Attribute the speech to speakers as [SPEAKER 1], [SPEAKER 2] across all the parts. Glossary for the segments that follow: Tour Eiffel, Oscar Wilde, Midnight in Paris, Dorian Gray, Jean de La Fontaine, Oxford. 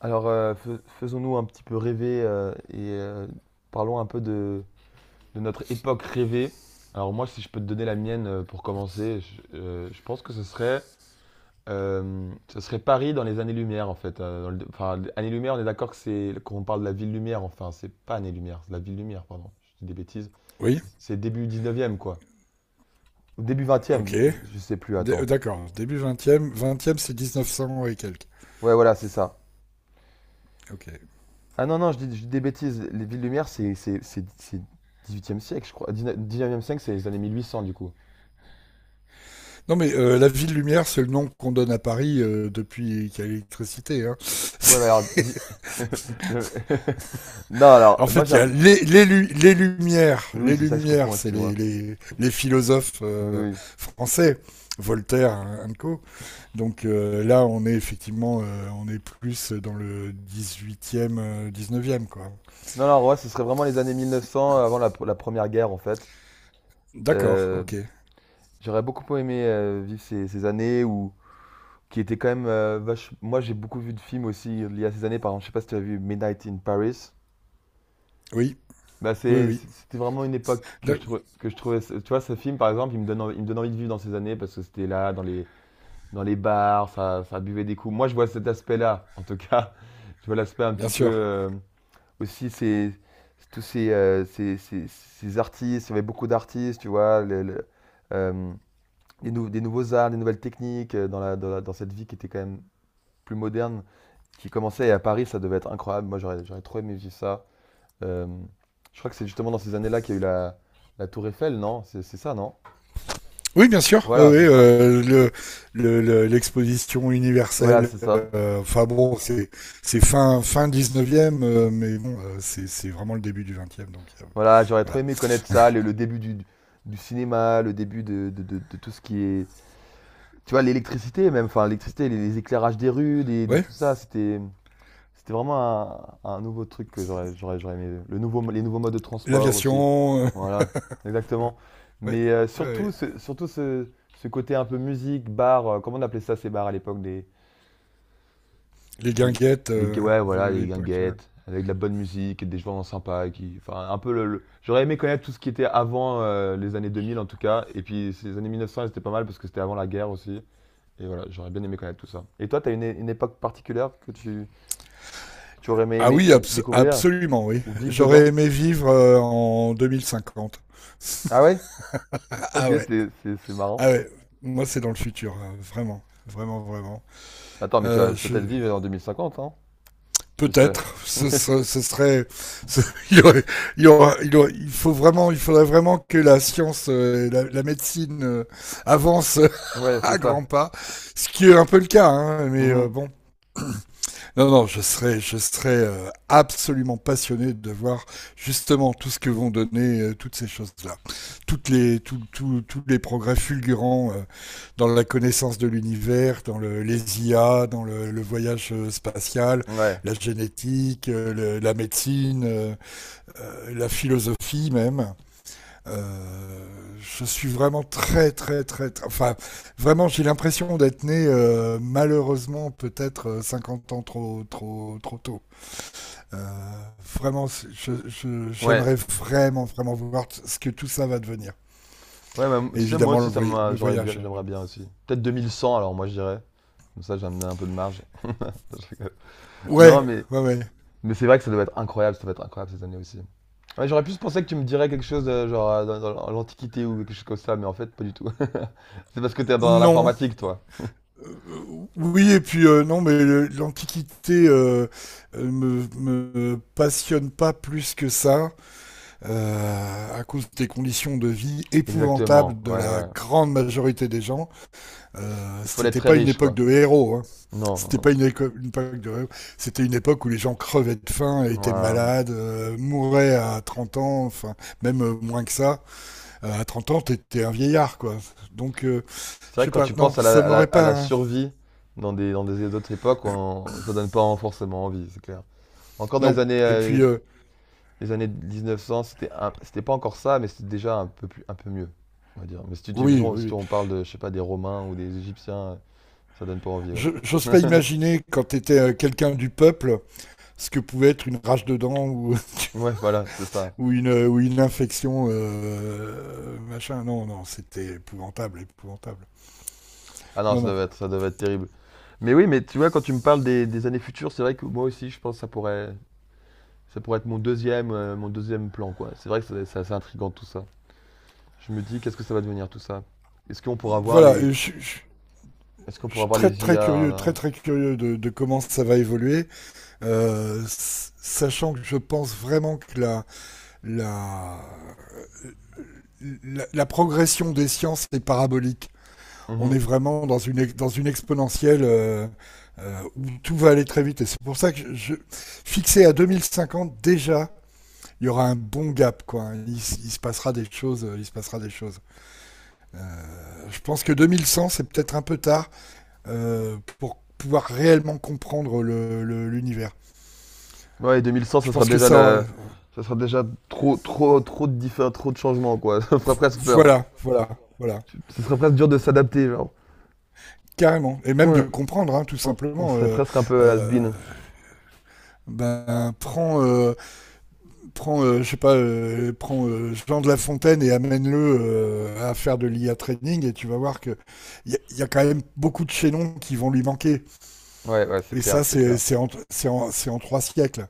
[SPEAKER 1] Alors, faisons-nous un petit peu rêver et parlons un peu de notre époque rêvée. Alors moi, si je peux te donner la mienne pour commencer, je pense que ce serait Paris dans les années-lumière en fait. Enfin, années-lumière, on est d'accord que c'est qu'on parle de la ville-lumière. Enfin, c'est pas années-lumière, c'est la ville-lumière, pardon. Je dis des bêtises.
[SPEAKER 2] Oui,
[SPEAKER 1] C'est début 19e quoi. Ou début
[SPEAKER 2] OK.
[SPEAKER 1] 20. Je sais plus,
[SPEAKER 2] D- euh,
[SPEAKER 1] attends.
[SPEAKER 2] D'accord, début vingtième, c'est e neuf cents et quelques.
[SPEAKER 1] Ouais, voilà, c'est ça.
[SPEAKER 2] OK.
[SPEAKER 1] Ah non, non, je dis des bêtises. Les villes lumières, c'est 18e siècle, je crois. 19e siècle, c'est les années 1800 du coup.
[SPEAKER 2] Non, mais la ville lumière, c'est le nom qu'on donne à Paris depuis qu'il y a l'électricité, hein.
[SPEAKER 1] Ouais, mais alors le- non, alors,
[SPEAKER 2] En
[SPEAKER 1] moi,
[SPEAKER 2] fait,
[SPEAKER 1] j'ai
[SPEAKER 2] il y a les lumières.
[SPEAKER 1] Oui, oui,
[SPEAKER 2] Les
[SPEAKER 1] c'est ça que je
[SPEAKER 2] lumières,
[SPEAKER 1] confonds,
[SPEAKER 2] c'est les,
[SPEAKER 1] excuse-moi.
[SPEAKER 2] les, les philosophes
[SPEAKER 1] Oui, oui, oui.
[SPEAKER 2] français, Voltaire, hein, and co. Donc là, on est effectivement, on est plus dans le dix-huitième, 19e quoi.
[SPEAKER 1] Non, non, ouais, ce serait vraiment les années 1900 avant la Première Guerre, en fait.
[SPEAKER 2] D'accord,
[SPEAKER 1] Euh,
[SPEAKER 2] OK.
[SPEAKER 1] j'aurais beaucoup aimé vivre ces années où qui étaient quand même moi, j'ai beaucoup vu de films aussi liés à ces années. Par exemple, je sais pas si tu as vu Midnight in Paris.
[SPEAKER 2] Oui,
[SPEAKER 1] Bah,
[SPEAKER 2] oui, oui.
[SPEAKER 1] c'était vraiment une époque que je
[SPEAKER 2] D'ac-
[SPEAKER 1] trouvais, tu vois, ce film, par exemple, il me donne envie, il me donne envie de vivre dans ces années parce que c'était là, dans les bars, ça buvait des coups. Moi, je vois cet aspect-là, en tout cas. Je vois l'aspect un
[SPEAKER 2] Bien
[SPEAKER 1] petit peu,
[SPEAKER 2] sûr.
[SPEAKER 1] aussi, c'est tous ces artistes, il y avait beaucoup d'artistes, tu vois, euh, des nouveaux arts, des nouvelles techniques dans dans cette vie qui était quand même plus moderne, qui commençait, et à Paris, ça devait être incroyable. Moi, j'aurais trop aimé vivre ça. Euh, je crois que c'est justement dans ces années-là qu'il y a eu la Tour Eiffel, non? C'est ça, non?
[SPEAKER 2] Oui, bien sûr. Oui,
[SPEAKER 1] Voilà,
[SPEAKER 2] oui,
[SPEAKER 1] c'est ça.
[SPEAKER 2] l'exposition
[SPEAKER 1] Voilà,
[SPEAKER 2] universelle.
[SPEAKER 1] c'est ça.
[SPEAKER 2] Enfin bon, c'est fin 19e, mais bon, c'est vraiment le début du 20, donc
[SPEAKER 1] Voilà, j'aurais trop
[SPEAKER 2] voilà.
[SPEAKER 1] aimé connaître ça, le début du cinéma, le début de tout ce qui est. Tu vois, l'électricité même, enfin l'électricité, les éclairages des rues,
[SPEAKER 2] Ouais,
[SPEAKER 1] tout ça, c'était vraiment un nouveau truc que j'aurais aimé. Les nouveaux modes de transport aussi.
[SPEAKER 2] l'aviation.
[SPEAKER 1] Voilà, exactement.
[SPEAKER 2] Ouais,
[SPEAKER 1] Mais
[SPEAKER 2] ouais,
[SPEAKER 1] surtout,
[SPEAKER 2] ouais.
[SPEAKER 1] ce côté un peu musique, bar, comment on appelait ça ces bars à l'époque, des.
[SPEAKER 2] Les
[SPEAKER 1] Des,
[SPEAKER 2] guinguettes
[SPEAKER 1] ouais,
[SPEAKER 2] de
[SPEAKER 1] voilà, des
[SPEAKER 2] l'époque.
[SPEAKER 1] guinguettes, avec de la bonne musique, des gens sympas. Qui, enfin, un peu. J'aurais aimé connaître tout ce qui était avant les années 2000 en tout cas. Et puis ces années 1900, elles étaient pas mal parce que c'était avant la guerre aussi. Et voilà, j'aurais bien aimé connaître tout ça. Et toi, t'as une époque particulière que que tu aurais
[SPEAKER 2] Ah
[SPEAKER 1] aimé
[SPEAKER 2] oui,
[SPEAKER 1] oui, découvrir
[SPEAKER 2] absolument, oui.
[SPEAKER 1] ou vivre
[SPEAKER 2] J'aurais
[SPEAKER 1] dedans?
[SPEAKER 2] aimé vivre en 2050.
[SPEAKER 1] Ah ouais? Ok,
[SPEAKER 2] Ah ouais,
[SPEAKER 1] c'est marrant.
[SPEAKER 2] ah ouais. Moi, c'est dans le futur, vraiment, vraiment, vraiment.
[SPEAKER 1] Attends, mais tu vas
[SPEAKER 2] Euh, je,
[SPEAKER 1] peut-être vivre en 2050, hein? Tu sais.
[SPEAKER 2] Peut-être, ce serait, ce, il, y aurait, il, y aura, il, faudrait vraiment que la science, médecine avance
[SPEAKER 1] Ouais. Ouais, c'est
[SPEAKER 2] à grands
[SPEAKER 1] ça.
[SPEAKER 2] pas, ce qui est un peu le cas, hein, mais
[SPEAKER 1] Mhm.
[SPEAKER 2] bon, non, non, je serais absolument passionné de voir justement tout ce que vont donner toutes ces choses-là. Toutes les, tout- tout- Tous les progrès fulgurants dans la connaissance de l'univers, dans les IA, dans le voyage spatial,
[SPEAKER 1] Ouais.
[SPEAKER 2] la génétique, la médecine, la philosophie même. Euh, je suis vraiment très, très, très, enfin, vraiment, j'ai l'impression d'être né, malheureusement, peut-être 50 ans trop, trop, trop tôt. Euh, Vraiment,
[SPEAKER 1] Ouais.
[SPEAKER 2] j'aimerais vraiment, vraiment voir ce que tout ça va devenir.
[SPEAKER 1] Ouais, bah,
[SPEAKER 2] Et
[SPEAKER 1] tu sais, moi
[SPEAKER 2] évidemment, le,
[SPEAKER 1] aussi, ça
[SPEAKER 2] voy-
[SPEAKER 1] m'a,
[SPEAKER 2] le
[SPEAKER 1] j'aurais bien,
[SPEAKER 2] voyage.
[SPEAKER 1] j'aimerais bien aussi. Peut-être 2100 alors moi, je dirais. Comme ça, j'ai amené un peu de marge. Je rigole. Non.
[SPEAKER 2] Ouais,
[SPEAKER 1] Ouais. mais,
[SPEAKER 2] ouais, ouais.
[SPEAKER 1] mais c'est vrai que ça doit être incroyable, ça doit être incroyable cette année aussi. Ouais, j'aurais plus pensé que tu me dirais quelque chose de, genre dans l'Antiquité ou quelque chose comme ça, mais en fait, pas du tout. C'est parce que t'es dans
[SPEAKER 2] Non.
[SPEAKER 1] l'informatique, toi.
[SPEAKER 2] Euh, oui, et puis non, mais l'Antiquité me passionne pas plus que ça, à cause des conditions de vie
[SPEAKER 1] Exactement,
[SPEAKER 2] épouvantables de
[SPEAKER 1] ouais,
[SPEAKER 2] la
[SPEAKER 1] ouais.
[SPEAKER 2] grande majorité des gens.
[SPEAKER 1] Il faut être
[SPEAKER 2] C'était
[SPEAKER 1] très
[SPEAKER 2] pas une
[SPEAKER 1] riche,
[SPEAKER 2] époque
[SPEAKER 1] quoi.
[SPEAKER 2] de héros, hein.
[SPEAKER 1] Non,
[SPEAKER 2] C'était
[SPEAKER 1] non.
[SPEAKER 2] pas une époque de héros. C'était une époque où les gens crevaient de faim,
[SPEAKER 1] Ouais,
[SPEAKER 2] étaient
[SPEAKER 1] ouais.
[SPEAKER 2] malades, mouraient à 30 ans, enfin même moins que ça. À 30 ans, t'étais un vieillard, quoi. Donc,
[SPEAKER 1] C'est
[SPEAKER 2] je
[SPEAKER 1] vrai
[SPEAKER 2] sais
[SPEAKER 1] que quand
[SPEAKER 2] pas.
[SPEAKER 1] tu
[SPEAKER 2] Non,
[SPEAKER 1] penses
[SPEAKER 2] ça m'aurait
[SPEAKER 1] à
[SPEAKER 2] pas,
[SPEAKER 1] la
[SPEAKER 2] hein.
[SPEAKER 1] survie dans des autres époques, ça donne pas forcément envie, c'est clair. Encore dans les
[SPEAKER 2] Non.
[SPEAKER 1] années
[SPEAKER 2] Et puis,
[SPEAKER 1] les années 1900, c'était pas encore ça, mais c'était déjà un peu plus, un peu mieux, on va dire. Mais si
[SPEAKER 2] oui, oui,
[SPEAKER 1] si
[SPEAKER 2] oui.
[SPEAKER 1] on parle de, je sais pas, des Romains ou des Égyptiens, ça donne pas envie, ouais.
[SPEAKER 2] J'ose pas imaginer quand t'étais quelqu'un du peuple ce que pouvait être une rage de dents ou
[SPEAKER 1] Ouais, voilà, c'est ça.
[SPEAKER 2] une infection, machin. Non, non, c'était épouvantable, épouvantable.
[SPEAKER 1] Ah non,
[SPEAKER 2] Non, non.
[SPEAKER 1] ça devait être terrible. Mais oui, mais tu vois, quand tu me parles des années futures, c'est vrai que moi aussi, je pense que ça pourrait être mon deuxième plan, quoi. C'est vrai que c'est assez intriguant tout ça. Je me dis, qu'est-ce que ça va devenir tout ça? Est-ce qu'on pourra voir
[SPEAKER 2] Voilà,
[SPEAKER 1] les,
[SPEAKER 2] je,
[SPEAKER 1] Est-ce qu'on
[SPEAKER 2] je
[SPEAKER 1] pourra
[SPEAKER 2] suis
[SPEAKER 1] voir les IA? Là.
[SPEAKER 2] très, très curieux de comment ça va évoluer, sachant que je pense vraiment que la, la progression des sciences est parabolique. On est
[SPEAKER 1] Mhm.
[SPEAKER 2] vraiment dans dans une exponentielle. Où tout va aller très vite. Et c'est pour ça que je fixé à 2050 déjà, il y aura un bon gap, quoi, hein. Il se passera des choses. Il se passera des choses. Je pense que 2100, c'est peut-être un peu tard pour pouvoir réellement comprendre l'univers.
[SPEAKER 1] Ouais, 2100,
[SPEAKER 2] Je
[SPEAKER 1] ça sera
[SPEAKER 2] pense que
[SPEAKER 1] déjà
[SPEAKER 2] ça.
[SPEAKER 1] le, ça sera déjà trop, trop, trop de changements, quoi. Ça ferait presque peur.
[SPEAKER 2] Voilà, voilà, voilà.
[SPEAKER 1] Ce serait presque dur de s'adapter, genre.
[SPEAKER 2] Carrément. Et même de
[SPEAKER 1] Ouais.
[SPEAKER 2] comprendre, hein, tout
[SPEAKER 1] On
[SPEAKER 2] simplement.
[SPEAKER 1] serait presque un peu
[SPEAKER 2] Euh,
[SPEAKER 1] has-been.
[SPEAKER 2] ben, prends, prends je sais pas, prends Jean de La Fontaine et amène-le à faire de l'IA training et tu vas voir que il y a quand même beaucoup de chaînons qui vont lui manquer.
[SPEAKER 1] Ouais, ouais, c'est
[SPEAKER 2] Et
[SPEAKER 1] clair,
[SPEAKER 2] ça,
[SPEAKER 1] c'est
[SPEAKER 2] c'est
[SPEAKER 1] clair.
[SPEAKER 2] c'est en, c'est en, c'est en trois siècles.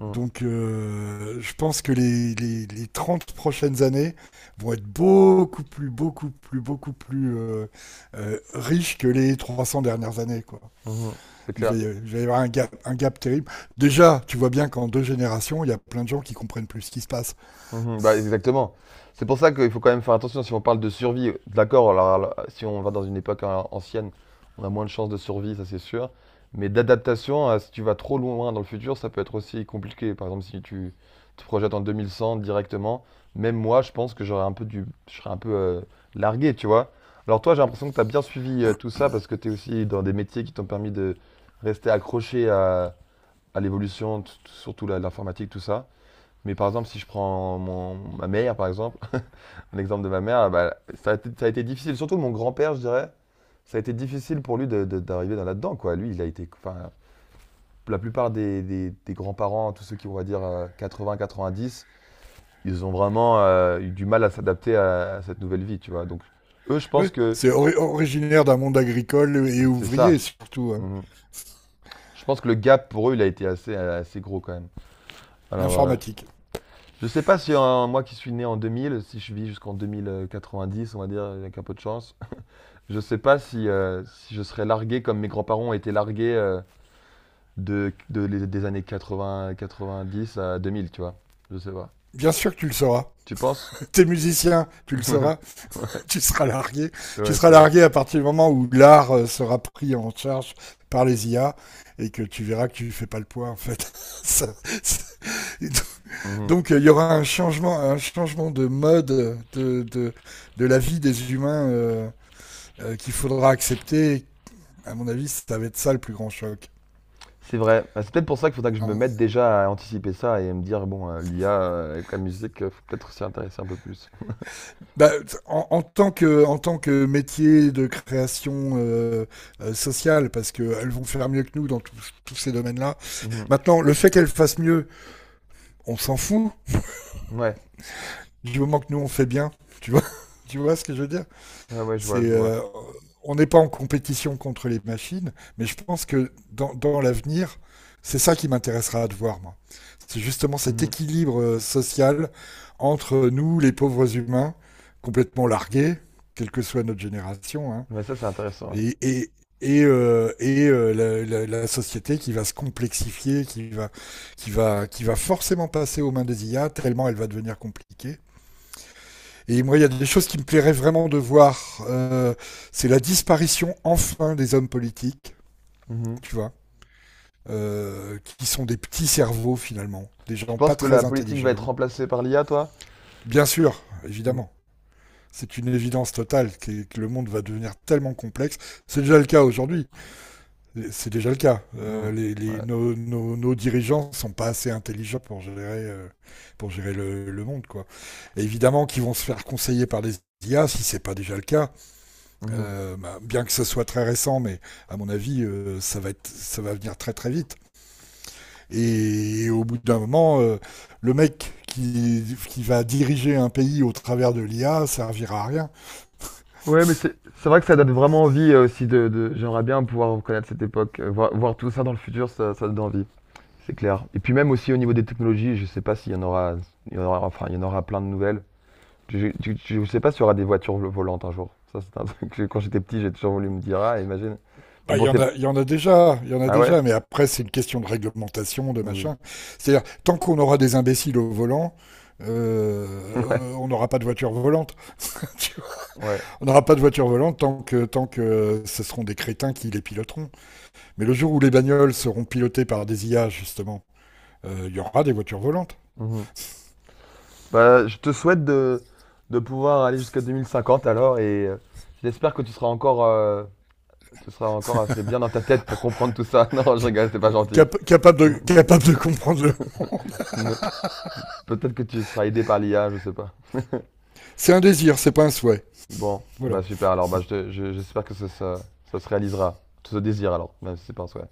[SPEAKER 1] Mm.
[SPEAKER 2] Donc, je pense que les 30 prochaines années vont être beaucoup plus, beaucoup plus, beaucoup plus riches que les 300 dernières années, quoi.
[SPEAKER 1] Mhm. C'est
[SPEAKER 2] Il va,
[SPEAKER 1] clair.
[SPEAKER 2] y- il va y avoir un gap terrible. Déjà, tu vois bien qu'en deux générations, il y a plein de gens qui comprennent plus ce qui se passe.
[SPEAKER 1] Mhm, bah, exactement. C'est pour ça qu'il faut quand même faire attention si on parle de survie. D'accord, alors, si on va dans une époque, hein, ancienne, on a moins de chances de survie, ça c'est sûr. Mais d'adaptation, si tu vas trop loin dans le futur, ça peut être aussi compliqué. Par exemple, si tu te projettes en 2100 directement, même moi, je pense que j'aurais un peu du, je serais un peu largué, tu vois. Alors toi, j'ai l'impression que tu as bien suivi tout ça parce que tu es aussi dans des métiers qui t'ont permis de rester accroché à l'évolution, surtout l'informatique, tout ça. Mais par exemple, si je prends ma mère, par exemple, l'exemple de ma mère, bah, ça a été difficile, surtout mon grand-père, je dirais, ça a été difficile pour lui d'arriver dans là-dedans, quoi. Lui, il a été, enfin, la plupart des grands-parents, tous ceux qui, on va dire, 80-90, ils ont vraiment eu du mal à s'adapter à cette nouvelle vie, tu vois. Donc, eux, je
[SPEAKER 2] Oui,
[SPEAKER 1] pense que
[SPEAKER 2] c'est originaire d'un monde agricole et
[SPEAKER 1] c'est ça.
[SPEAKER 2] ouvrier, surtout, hein.
[SPEAKER 1] Mhm. Je pense que le gap pour eux, il a été assez, assez gros quand même. Alors,
[SPEAKER 2] L'informatique.
[SPEAKER 1] je sais pas si moi qui suis né en 2000, si je vis jusqu'en 2090, on va dire, avec un peu de chance, je sais pas si je serais largué comme mes grands-parents ont été largués des années 80, 90 à 2000, tu vois. Je sais pas.
[SPEAKER 2] Bien sûr que tu le sauras.
[SPEAKER 1] Tu penses?
[SPEAKER 2] T'es musicien, tu le sauras.
[SPEAKER 1] Ouais,
[SPEAKER 2] Tu seras largué. Tu
[SPEAKER 1] ouais,
[SPEAKER 2] seras
[SPEAKER 1] c'est vrai.
[SPEAKER 2] largué à partir du moment où l'art sera pris en charge par les IA et que tu verras que tu fais pas le poids en fait. Ça,
[SPEAKER 1] Mhm.
[SPEAKER 2] donc il y aura un changement de mode de, de, de la vie des humains qu'il faudra accepter. À mon avis, ça va être ça le plus grand choc.
[SPEAKER 1] C'est vrai. Bah, c'est peut-être pour ça qu'il faudra que je me
[SPEAKER 2] En,
[SPEAKER 1] mette déjà à anticiper ça et me dire, bon, l'IA avec la musique, faut peut-être s'y intéresser un peu plus.
[SPEAKER 2] bah, en, en tant que métier de création sociale, parce qu'elles vont faire mieux que nous dans tous ces domaines-là.
[SPEAKER 1] Mhm.
[SPEAKER 2] Maintenant, le fait qu'elles fassent mieux, on s'en fout
[SPEAKER 1] Ouais,
[SPEAKER 2] du moment que nous on fait bien. Tu vois, tu vois ce que je veux dire.
[SPEAKER 1] ouais, ouais, je vois,
[SPEAKER 2] C'est
[SPEAKER 1] je vois.
[SPEAKER 2] On n'est pas en compétition contre les machines, mais je pense que dans l'avenir, c'est ça qui m'intéressera de voir moi. C'est justement cet
[SPEAKER 1] Mhm.
[SPEAKER 2] équilibre social entre nous, les pauvres humains, complètement largués, quelle que soit notre génération, hein,
[SPEAKER 1] Ouais, ça, c'est intéressant. Ouais.
[SPEAKER 2] et, et, et la société qui va se complexifier, qui va forcément passer aux mains des IA, tellement elle va devenir compliquée. Et moi, il y a des choses qui me plairaient vraiment de voir. C'est la disparition enfin des hommes politiques,
[SPEAKER 1] Mhm.
[SPEAKER 2] tu vois, qui sont des petits cerveaux finalement, des
[SPEAKER 1] Tu
[SPEAKER 2] gens pas
[SPEAKER 1] penses que la
[SPEAKER 2] très
[SPEAKER 1] politique va être
[SPEAKER 2] intelligents.
[SPEAKER 1] remplacée par l'IA, toi?
[SPEAKER 2] Bien sûr,
[SPEAKER 1] Mhm.
[SPEAKER 2] évidemment. C'est une évidence totale que le monde va devenir tellement complexe. C'est déjà le cas aujourd'hui. C'est déjà le cas.
[SPEAKER 1] Mhm. Ouais.
[SPEAKER 2] Nos dirigeants sont pas assez intelligents pour gérer le monde, quoi. Et évidemment, qu'ils vont se faire conseiller par des IA, si c'est pas déjà le cas.
[SPEAKER 1] Mhm.
[SPEAKER 2] Bah, bien que ce soit très récent, mais à mon avis, ça va venir très très vite. Et au bout d'un moment, le mec qui va diriger un pays au travers de l'IA servira à rien.
[SPEAKER 1] Ouais, mais c'est vrai que ça donne vraiment envie aussi j'aimerais bien pouvoir reconnaître cette époque, voir tout ça dans le futur, ça donne envie, c'est clair. Et puis même aussi au niveau des technologies, je sais pas s'il y en aura, il y en aura, enfin il y en aura plein de nouvelles. Je, je sais pas s'il y aura des voitures volantes un jour. Ça c'est un truc que quand j'étais petit, j'ai toujours voulu me dire, ah imagine. Mais
[SPEAKER 2] Bah,
[SPEAKER 1] bon
[SPEAKER 2] il y en a déjà, il y en a
[SPEAKER 1] ah ouais?
[SPEAKER 2] déjà. Mais après, c'est une question de réglementation, de
[SPEAKER 1] Oui.
[SPEAKER 2] machin. C'est-à-dire, tant qu'on aura des imbéciles au volant, euh,
[SPEAKER 1] Ouais.
[SPEAKER 2] on n'aura pas de voiture volante.
[SPEAKER 1] Ouais.
[SPEAKER 2] On n'aura pas de voiture volante tant que ce seront des crétins qui les piloteront. Mais le jour où les bagnoles seront pilotées par des IA, justement, il y aura des voitures volantes.
[SPEAKER 1] Mhm. Bah, je te souhaite de pouvoir aller jusqu'à 2050 alors et j'espère que tu seras encore assez bien dans ta tête pour comprendre tout ça. Non, je rigole, c'est pas gentil.
[SPEAKER 2] Capables de, capable de comprendre.
[SPEAKER 1] Ne- Peut-être que tu seras aidé par l'IA, je sais pas.
[SPEAKER 2] C'est un désir, c'est pas un souhait.
[SPEAKER 1] Bon,
[SPEAKER 2] Voilà.
[SPEAKER 1] bah super, alors bah, j'espère que ça se réalisera. Tout ce désir alors, même si c'est pas un souhait.